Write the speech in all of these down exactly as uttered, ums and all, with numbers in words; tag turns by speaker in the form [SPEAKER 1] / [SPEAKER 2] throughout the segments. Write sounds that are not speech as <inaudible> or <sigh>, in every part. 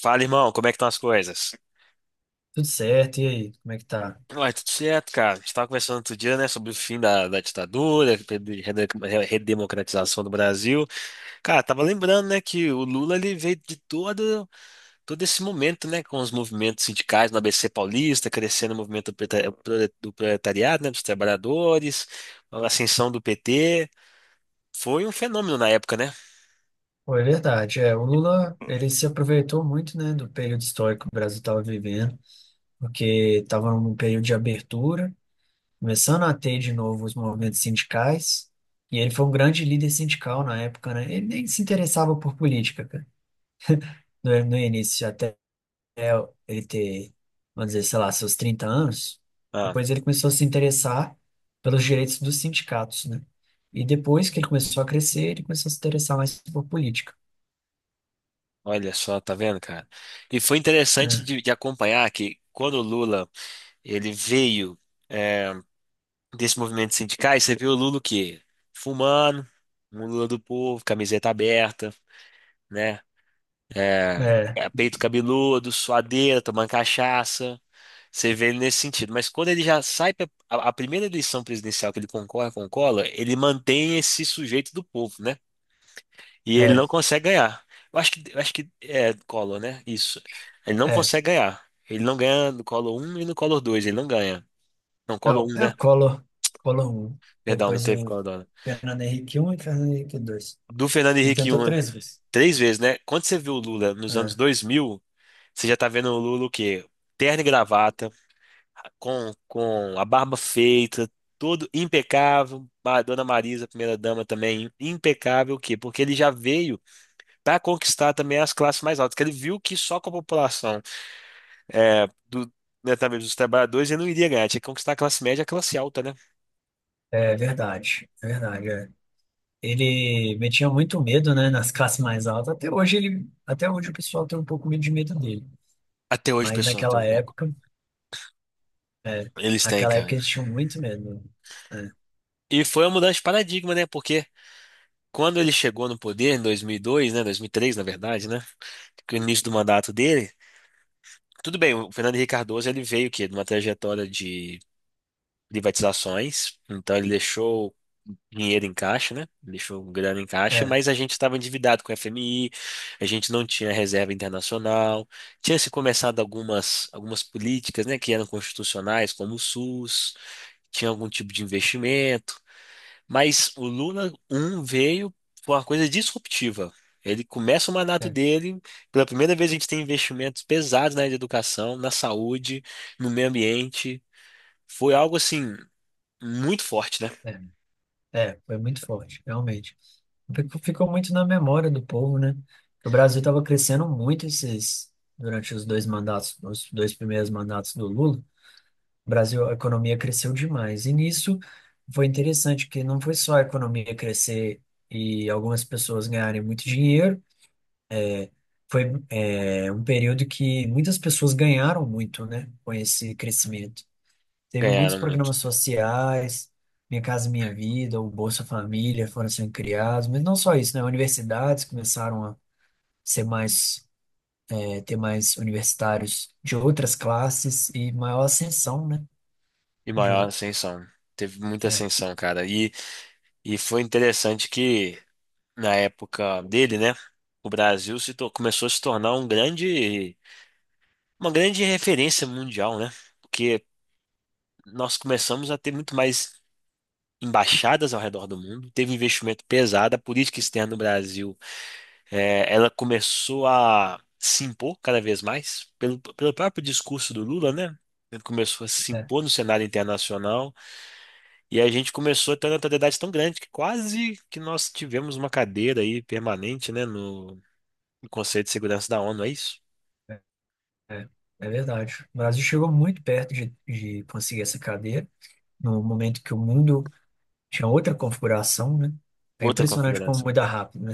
[SPEAKER 1] Fala, irmão, como é que estão as coisas?
[SPEAKER 2] Tudo certo, e aí, como é que tá?
[SPEAKER 1] Ué, tudo certo, cara. A gente estava conversando outro dia, né, sobre o fim da, da ditadura, de rede- redemocratização do Brasil. Cara, tava lembrando, né, que o Lula ele veio de todo, todo esse momento, né, com os movimentos sindicais no A B C Paulista, crescendo o movimento do preta- do proletariado, né, dos trabalhadores, a ascensão do P T. Foi um fenômeno na época, né?
[SPEAKER 2] Pô, é verdade, é, o Lula, ele se aproveitou muito, né, do período histórico que o Brasil estava vivendo, porque estava num período de abertura, começando a ter de novo os movimentos sindicais, e ele foi um grande líder sindical na época, né, ele nem se interessava por política, cara, no, no início, até ele ter, vamos dizer, sei lá, seus trinta anos,
[SPEAKER 1] Ah,
[SPEAKER 2] depois ele começou a se interessar pelos direitos dos sindicatos, né, e depois que ele começou a crescer, ele começou a se interessar mais por política.
[SPEAKER 1] olha só, tá vendo, cara? E foi interessante
[SPEAKER 2] É,
[SPEAKER 1] de, de acompanhar que quando o Lula ele veio, eh, desse movimento sindicais, você vê o Lula o quê? Fumando, um Lula do povo, camiseta aberta, né? É,
[SPEAKER 2] é,
[SPEAKER 1] é, peito cabeludo, suadeira, tomando cachaça. Você vê ele nesse sentido. Mas quando ele já sai pra, a, a primeira eleição presidencial que ele concorre com o Collor, ele mantém esse sujeito do povo, né? E ele
[SPEAKER 2] é.
[SPEAKER 1] não consegue ganhar. Eu acho que, eu acho que é Collor, né? Isso. Ele não
[SPEAKER 2] É.
[SPEAKER 1] consegue ganhar. Ele não ganha no Collor um e no Collor dois. Ele não ganha. Não, Collor
[SPEAKER 2] Não,
[SPEAKER 1] um,
[SPEAKER 2] é
[SPEAKER 1] né?
[SPEAKER 2] o Collor, Collor um.
[SPEAKER 1] Perdão, não
[SPEAKER 2] Depois
[SPEAKER 1] teve
[SPEAKER 2] o
[SPEAKER 1] Collor dois.
[SPEAKER 2] Fernando Henrique um e Fernando Henrique dois.
[SPEAKER 1] Do Fernando
[SPEAKER 2] Ele
[SPEAKER 1] Henrique um.
[SPEAKER 2] tentou três vezes.
[SPEAKER 1] Três vezes, né? Quando você viu o Lula nos anos
[SPEAKER 2] É,
[SPEAKER 1] dois mil, você já tá vendo o Lula o quê? Terno e gravata, com, com a barba feita, todo impecável. A Dona Marisa, primeira-dama também, impecável. O quê? Porque ele já veio para conquistar também as classes mais altas, que ele viu que só com a população é, do, né, talvez dos trabalhadores ele não iria ganhar, tinha que conquistar a classe média e a classe alta, né?
[SPEAKER 2] é verdade, é verdade. É. Ele metia muito medo, né, nas classes mais altas. Até hoje ele, até hoje o pessoal tem um pouco meio de medo dele.
[SPEAKER 1] Até hoje o
[SPEAKER 2] Mas
[SPEAKER 1] pessoal tem
[SPEAKER 2] naquela
[SPEAKER 1] um pouco.
[SPEAKER 2] época, é,
[SPEAKER 1] Eles têm,
[SPEAKER 2] naquela época
[SPEAKER 1] cara.
[SPEAKER 2] eles tinham muito medo. É,
[SPEAKER 1] E foi uma mudança de paradigma, né? Porque quando ele chegou no poder, em dois mil e dois, né, dois mil e três, na verdade, né, que é o início do mandato dele, tudo bem, o Fernando Henrique Cardoso, ele veio que de uma trajetória de privatizações, então ele deixou dinheiro em caixa, né, deixou grana em caixa,
[SPEAKER 2] é,
[SPEAKER 1] mas a gente estava endividado com o F M I, a gente não tinha reserva internacional, tinha se começado algumas, algumas políticas, né, que eram constitucionais, como o SUS, tinha algum tipo de investimento. Mas o Luna um veio com uma coisa disruptiva. Ele começa o mandato
[SPEAKER 2] é,
[SPEAKER 1] dele, pela primeira vez a gente tem investimentos pesados na área de educação, na saúde, no meio ambiente. Foi algo assim muito forte, né?
[SPEAKER 2] é, é, foi muito forte, realmente. Ficou ficou muito na memória do povo, né? Que o Brasil estava crescendo muito esses, durante os dois mandatos, os dois primeiros mandatos do Lula. O Brasil, a economia cresceu demais. E nisso foi interessante que não foi só a economia crescer e algumas pessoas ganharem muito dinheiro. Foi, é, um período que muitas pessoas ganharam muito, né? Com esse crescimento. Teve muitos
[SPEAKER 1] Ganharam muito.
[SPEAKER 2] programas sociais. Minha Casa Minha Vida, o Bolsa Família foram sendo criados, mas não só isso, né? Universidades começaram a ser mais, é, ter mais universitários de outras classes e maior ascensão, né?
[SPEAKER 1] E maior
[SPEAKER 2] De,
[SPEAKER 1] ascensão. Teve muita
[SPEAKER 2] é,
[SPEAKER 1] ascensão, cara. E, e foi interessante que na época dele, né, o Brasil se tor- começou a se tornar um grande, uma grande referência mundial, né? Porque nós começamos a ter muito mais embaixadas ao redor do mundo, teve um investimento pesado, a política externa no Brasil, eh, ela começou a se impor cada vez mais, pelo, pelo próprio discurso do Lula, né? Ele começou a se
[SPEAKER 2] é,
[SPEAKER 1] impor no cenário internacional e a gente começou a ter uma notoriedade tão grande que quase que nós tivemos uma cadeira aí permanente, né, no no Conselho de Segurança da ONU, é isso?
[SPEAKER 2] é, é verdade. O Brasil chegou muito perto de, de conseguir essa cadeira, no momento que o mundo tinha outra configuração, né? É
[SPEAKER 1] Outra
[SPEAKER 2] impressionante como
[SPEAKER 1] configuração. O
[SPEAKER 2] muda rápido, né?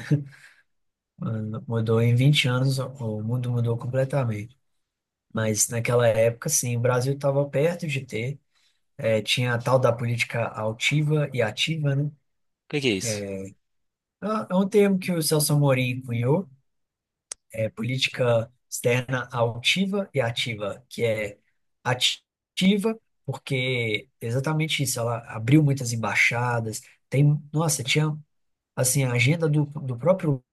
[SPEAKER 2] <laughs> Mudou em vinte anos, o o mundo mudou completamente. Mas naquela época, sim, o Brasil estava perto de ter. É, tinha a tal da política altiva e ativa, né?
[SPEAKER 1] que que é isso?
[SPEAKER 2] É é um termo que o Celso Amorim cunhou. É política externa altiva e ativa, que é ativa, porque exatamente isso, ela abriu muitas embaixadas, tem, nossa, tinha, assim, a agenda do, do próprio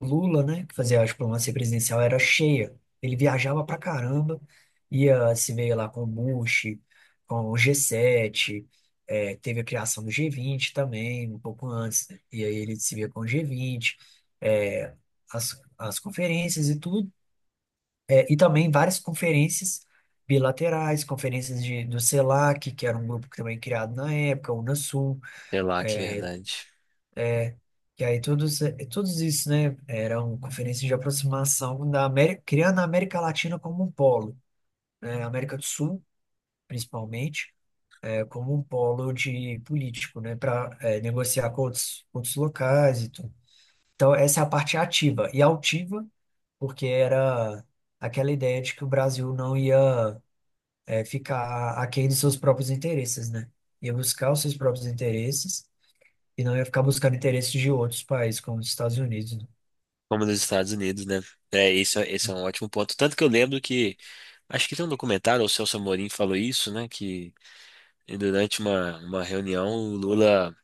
[SPEAKER 2] Lula, né, que fazia a diplomacia presidencial, era cheia, ele viajava pra caramba, ia se ver lá com o Bush, com o G sete, eh, teve a criação do G vinte também, um pouco antes, e aí ele se via com o G vinte, eh, as, as conferências e tudo, é, e também várias conferências bilaterais, conferências de, do CELAC, que era um grupo que também criado na época, o Unasul,
[SPEAKER 1] Sei lá, que verdade.
[SPEAKER 2] que aí todos, eh, todos isso, né, eram conferências de aproximação da América, criando a América Latina como um polo, né, América do Sul, principalmente, eh, como um polo de político, né, para negociar com outros, outros locais e tudo. Então, essa é a parte ativa. E altiva, porque era aquela ideia de que o Brasil não ia é, ficar aquém dos seus próprios interesses, né? Ia buscar os seus próprios interesses e não ia ficar buscando interesses de outros países, como os Estados Unidos, né?
[SPEAKER 1] Como nos Estados Unidos, né? É, isso, esse é um ótimo ponto. Tanto que eu lembro que acho que tem um documentário, o Celso Amorim falou isso, né? Que durante uma, uma reunião, o Lula,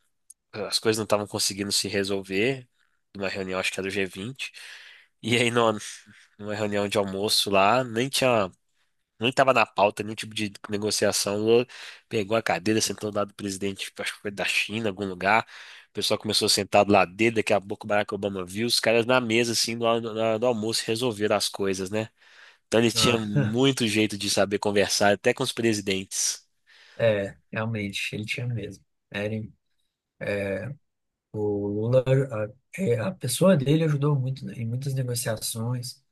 [SPEAKER 1] as coisas não estavam conseguindo se resolver, numa reunião, acho que era do G vinte. E aí, numa, numa reunião de almoço lá, nem tinha, nem tava na pauta nenhum tipo de negociação. O Lula pegou a cadeira, sentou do lado do presidente, tipo, acho que foi da China, algum lugar. O pessoal começou a sentar do lado dele, daqui a pouco o Barack Obama viu, os caras na mesa, assim, do, do almoço, resolveram as coisas, né? Então ele tinha
[SPEAKER 2] Ah,
[SPEAKER 1] muito jeito de saber conversar, até com os presidentes.
[SPEAKER 2] é, realmente, ele tinha mesmo. Era, em- o Lula, a, é, a pessoa dele ajudou muito, né, em muitas negociações.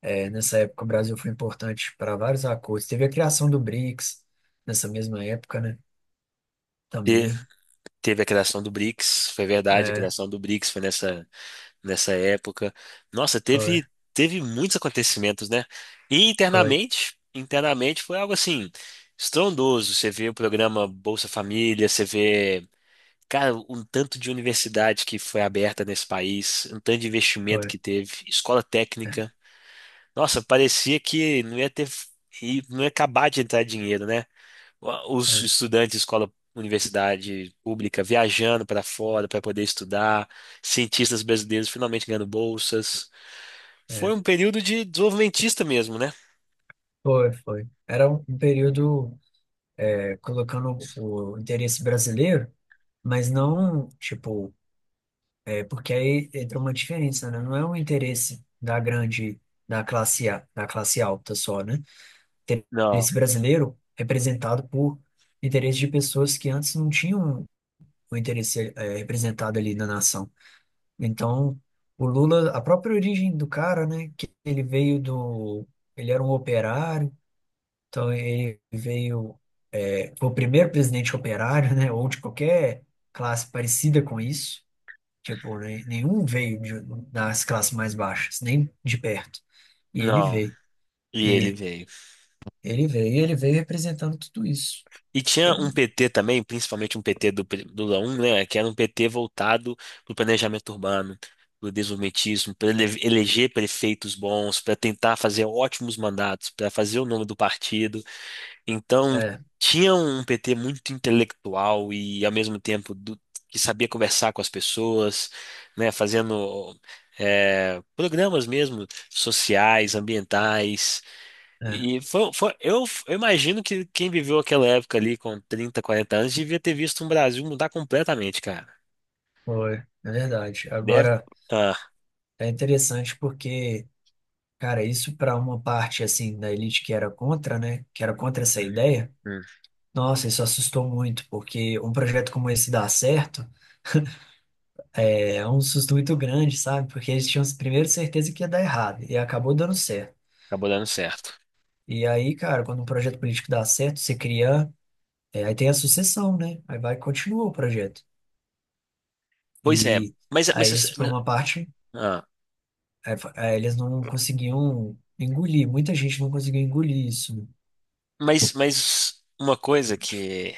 [SPEAKER 2] É, nessa época, o Brasil foi importante para vários acordos. Teve a criação do BRICS nessa mesma época, né?
[SPEAKER 1] Te-
[SPEAKER 2] Também.
[SPEAKER 1] Teve a criação do BRICS, foi verdade, a
[SPEAKER 2] É,
[SPEAKER 1] criação do BRICS foi nessa, nessa época. Nossa,
[SPEAKER 2] foi,
[SPEAKER 1] teve, teve muitos acontecimentos, né? E
[SPEAKER 2] foi,
[SPEAKER 1] internamente, internamente foi algo assim, estrondoso. Você vê o programa Bolsa Família, você vê, cara, um tanto de universidade que foi aberta nesse país, um tanto de investimento
[SPEAKER 2] foi.
[SPEAKER 1] que teve, escola
[SPEAKER 2] É,
[SPEAKER 1] técnica. Nossa, parecia que não ia ter, e não ia acabar de entrar dinheiro, né? Os
[SPEAKER 2] é,
[SPEAKER 1] estudantes de escola, universidade pública viajando para fora para poder estudar, cientistas brasileiros finalmente ganhando bolsas.
[SPEAKER 2] é.
[SPEAKER 1] Foi um período de desenvolvimentista mesmo, né?
[SPEAKER 2] Foi, foi. Era um um período colocando o interesse brasileiro, mas não, tipo, é, porque aí entra uma diferença, né? Não é um interesse da grande, da classe A, da classe alta só, né?
[SPEAKER 1] Não,
[SPEAKER 2] Interesse brasileiro representado por interesse de pessoas que antes não tinham o interesse, é, representado ali na nação. Então, o Lula, a própria origem do cara, né? Que ele veio do, ele era um operário, então ele veio. Foi o primeiro presidente operário, né? Ou de qualquer classe parecida com isso. Tipo, né, nenhum veio de- das classes mais baixas, nem de perto. E ele
[SPEAKER 1] não.
[SPEAKER 2] veio.
[SPEAKER 1] E ele
[SPEAKER 2] E
[SPEAKER 1] veio.
[SPEAKER 2] ele veio, e ele veio representando tudo isso.
[SPEAKER 1] E tinha um
[SPEAKER 2] Tudo.
[SPEAKER 1] P T também, principalmente um P T do, pri- do Lula um, né, que era um P T voltado para o planejamento urbano, para o desenvolvimentismo, para eleger prefeitos bons, para tentar fazer ótimos mandatos, para fazer o nome do partido. Então,
[SPEAKER 2] É,
[SPEAKER 1] tinha um P T muito intelectual e, ao mesmo tempo, do- que sabia conversar com as pessoas, né, fazendo eh, programas mesmo sociais, ambientais.
[SPEAKER 2] é,
[SPEAKER 1] E foi, foi, eu, eu imagino que quem viveu aquela época ali com trinta quarenta anos devia ter visto um Brasil mudar completamente, cara.
[SPEAKER 2] foi, é verdade.
[SPEAKER 1] Deve.
[SPEAKER 2] Agora,
[SPEAKER 1] Ah,
[SPEAKER 2] é interessante porque, cara, isso para uma parte, assim, da elite que era contra, né? Que era contra essa
[SPEAKER 1] hum,
[SPEAKER 2] ideia,
[SPEAKER 1] hum,
[SPEAKER 2] nossa, isso assustou muito, porque um projeto como esse dá certo. É um susto muito grande, sabe? Porque eles tinham primeiro certeza que ia dar errado e acabou dando certo.
[SPEAKER 1] acabou dando certo.
[SPEAKER 2] E aí, cara, quando um projeto político dá certo, você cria, é, aí tem a sucessão, né? Aí vai e continua o projeto.
[SPEAKER 1] Pois é,
[SPEAKER 2] E
[SPEAKER 1] mas, mas,
[SPEAKER 2] aí isso, por
[SPEAKER 1] mas,
[SPEAKER 2] uma parte,
[SPEAKER 1] ah,
[SPEAKER 2] é, fa- é, eles não conseguiam engolir, muita gente não conseguiu engolir isso.
[SPEAKER 1] mas, mas uma coisa que,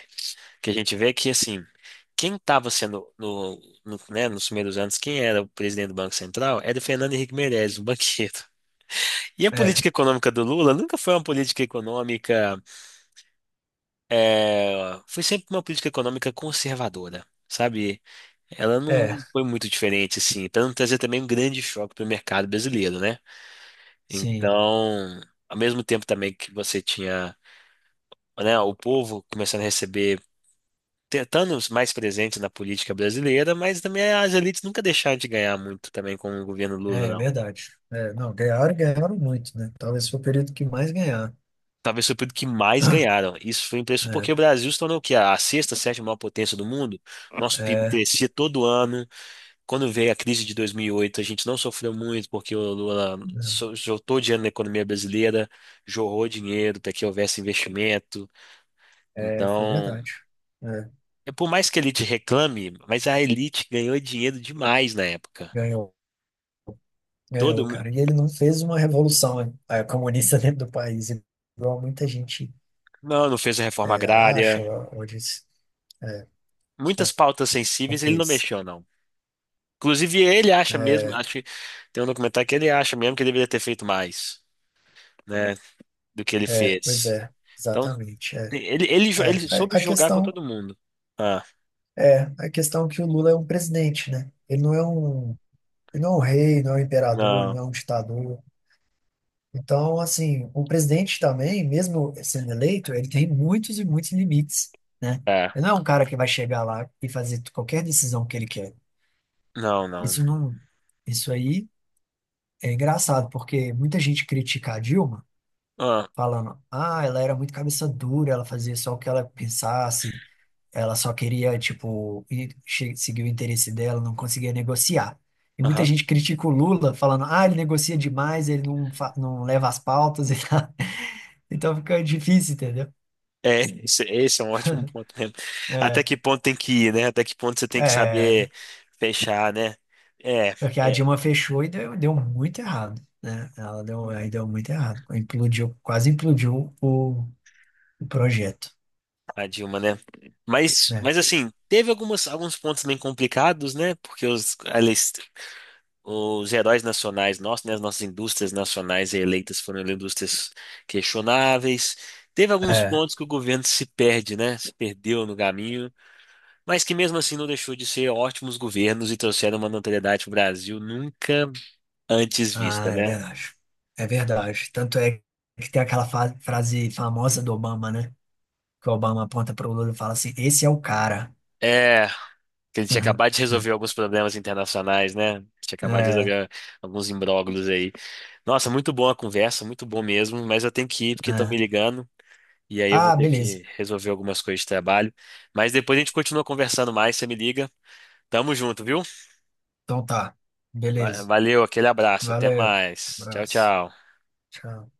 [SPEAKER 1] que a gente vê é que, assim, quem estava sendo, no, no, né, nos primeiros anos, quem era o presidente do Banco Central era o Fernando Henrique Meirelles, o banqueiro. E a
[SPEAKER 2] Né?
[SPEAKER 1] política econômica do Lula nunca foi uma política econômica. É, foi sempre uma política econômica conservadora, sabe? Ela
[SPEAKER 2] É, é,
[SPEAKER 1] não foi muito diferente, assim, para não trazer também um grande choque para o mercado brasileiro, né?
[SPEAKER 2] sim,
[SPEAKER 1] Então, ao mesmo tempo também que você tinha, né, o povo começando a receber, tentando os mais presentes na política brasileira, mas também as elites nunca deixaram de ganhar muito também com o governo Lula,
[SPEAKER 2] é, é
[SPEAKER 1] não.
[SPEAKER 2] verdade. É, não, ganharam, ganharam muito, né? Talvez foi o período que mais ganharam.
[SPEAKER 1] Talvez foi o período que mais
[SPEAKER 2] <clears throat>
[SPEAKER 1] ganharam. Isso foi impressionante porque
[SPEAKER 2] É,
[SPEAKER 1] o Brasil se tornou o quê? A sexta, sétima maior potência do mundo. Nosso PIB
[SPEAKER 2] é,
[SPEAKER 1] crescia todo ano. Quando veio a crise de dois mil e oito, a gente não sofreu muito porque o Lula so- soltou dinheiro na economia brasileira, jorrou dinheiro para que houvesse investimento.
[SPEAKER 2] é, foi
[SPEAKER 1] Então,
[SPEAKER 2] verdade. É,
[SPEAKER 1] é por mais que a elite reclame, mas a elite ganhou dinheiro demais na época.
[SPEAKER 2] ganhou.
[SPEAKER 1] Todo
[SPEAKER 2] Ganhou,
[SPEAKER 1] mundo.
[SPEAKER 2] cara. E ele não fez uma revolução eh, comunista <laughs> dentro do país, igual muita gente
[SPEAKER 1] Não, não fez a reforma
[SPEAKER 2] eh, acha
[SPEAKER 1] agrária.
[SPEAKER 2] ou diz. É,
[SPEAKER 1] Muitas
[SPEAKER 2] não,
[SPEAKER 1] pautas
[SPEAKER 2] não
[SPEAKER 1] sensíveis ele não
[SPEAKER 2] fez.
[SPEAKER 1] mexeu, não. Inclusive, ele acha mesmo,
[SPEAKER 2] É,
[SPEAKER 1] acho que tem um documentário que ele acha mesmo que ele deveria ter feito mais, né, do que ele
[SPEAKER 2] é, pois
[SPEAKER 1] fez.
[SPEAKER 2] é,
[SPEAKER 1] Então,
[SPEAKER 2] exatamente. É,
[SPEAKER 1] ele, ele,
[SPEAKER 2] é,
[SPEAKER 1] ele soube
[SPEAKER 2] a, a
[SPEAKER 1] jogar com
[SPEAKER 2] questão
[SPEAKER 1] todo mundo. Ah.
[SPEAKER 2] é a questão é que o Lula é um presidente, né? Ele não é um, ele não é um rei, não é um imperador, não
[SPEAKER 1] Não,
[SPEAKER 2] é um ditador. Então, assim, o presidente também, mesmo sendo eleito, ele tem muitos e muitos limites, né?
[SPEAKER 1] é.
[SPEAKER 2] Ele não é um cara que vai chegar lá e fazer qualquer decisão que ele quer.
[SPEAKER 1] Não, não.
[SPEAKER 2] Isso não, isso aí é engraçado, porque muita gente critica a Dilma,
[SPEAKER 1] Ah,
[SPEAKER 2] falando, ah, ela era muito cabeça dura, ela fazia só o que ela pensasse, ela só queria, tipo, ir- che- seguir o interesse dela, não conseguia negociar. E muita
[SPEAKER 1] aham.
[SPEAKER 2] gente critica o Lula, falando, ah, ele negocia demais, ele não, fa- não leva as pautas e tal. <laughs> Então fica difícil, entendeu?
[SPEAKER 1] É, <laughs> esse, esse é um ótimo ponto mesmo. Até
[SPEAKER 2] É,
[SPEAKER 1] que ponto tem que ir, né? Até que ponto você tem que
[SPEAKER 2] é,
[SPEAKER 1] saber fechar, né? É,
[SPEAKER 2] porque a
[SPEAKER 1] é,
[SPEAKER 2] Dilma fechou e deu, deu muito errado, né? Ela deu, aí deu muito errado. Implodiu, quase implodiu o o projeto,
[SPEAKER 1] a Dilma, né? Mas,
[SPEAKER 2] né?
[SPEAKER 1] mas assim, teve algumas, alguns pontos bem complicados, né? Porque os, eles, os heróis nacionais nossos, né? As nossas indústrias nacionais eleitas foram indústrias questionáveis. Teve alguns
[SPEAKER 2] É.
[SPEAKER 1] pontos que o governo se perde, né? Se perdeu no caminho. Mas que mesmo assim não deixou de ser ótimos governos e trouxeram uma notoriedade para o Brasil nunca antes
[SPEAKER 2] Ah,
[SPEAKER 1] vista,
[SPEAKER 2] é
[SPEAKER 1] né?
[SPEAKER 2] verdade. É verdade. Tanto é que tem aquela fa- frase famosa do Obama, né? Que o Obama aponta pro Lula e fala assim: esse é o cara.
[SPEAKER 1] É, que ele tinha
[SPEAKER 2] Uhum.
[SPEAKER 1] acabado de resolver alguns problemas internacionais, né? Tinha acabado de
[SPEAKER 2] É,
[SPEAKER 1] resolver alguns imbróglios aí. Nossa, muito boa a conversa, muito bom mesmo, mas eu tenho que ir porque estão me
[SPEAKER 2] é.
[SPEAKER 1] ligando e aí eu vou
[SPEAKER 2] Ah,
[SPEAKER 1] ter
[SPEAKER 2] beleza.
[SPEAKER 1] que resolver algumas coisas de trabalho. Mas depois a gente continua conversando mais, você me liga. Tamo junto, viu?
[SPEAKER 2] Então tá.
[SPEAKER 1] Va-
[SPEAKER 2] Beleza.
[SPEAKER 1] Valeu, aquele abraço, até
[SPEAKER 2] Valeu.
[SPEAKER 1] mais. Tchau,
[SPEAKER 2] Abraço.
[SPEAKER 1] tchau.
[SPEAKER 2] Tchau.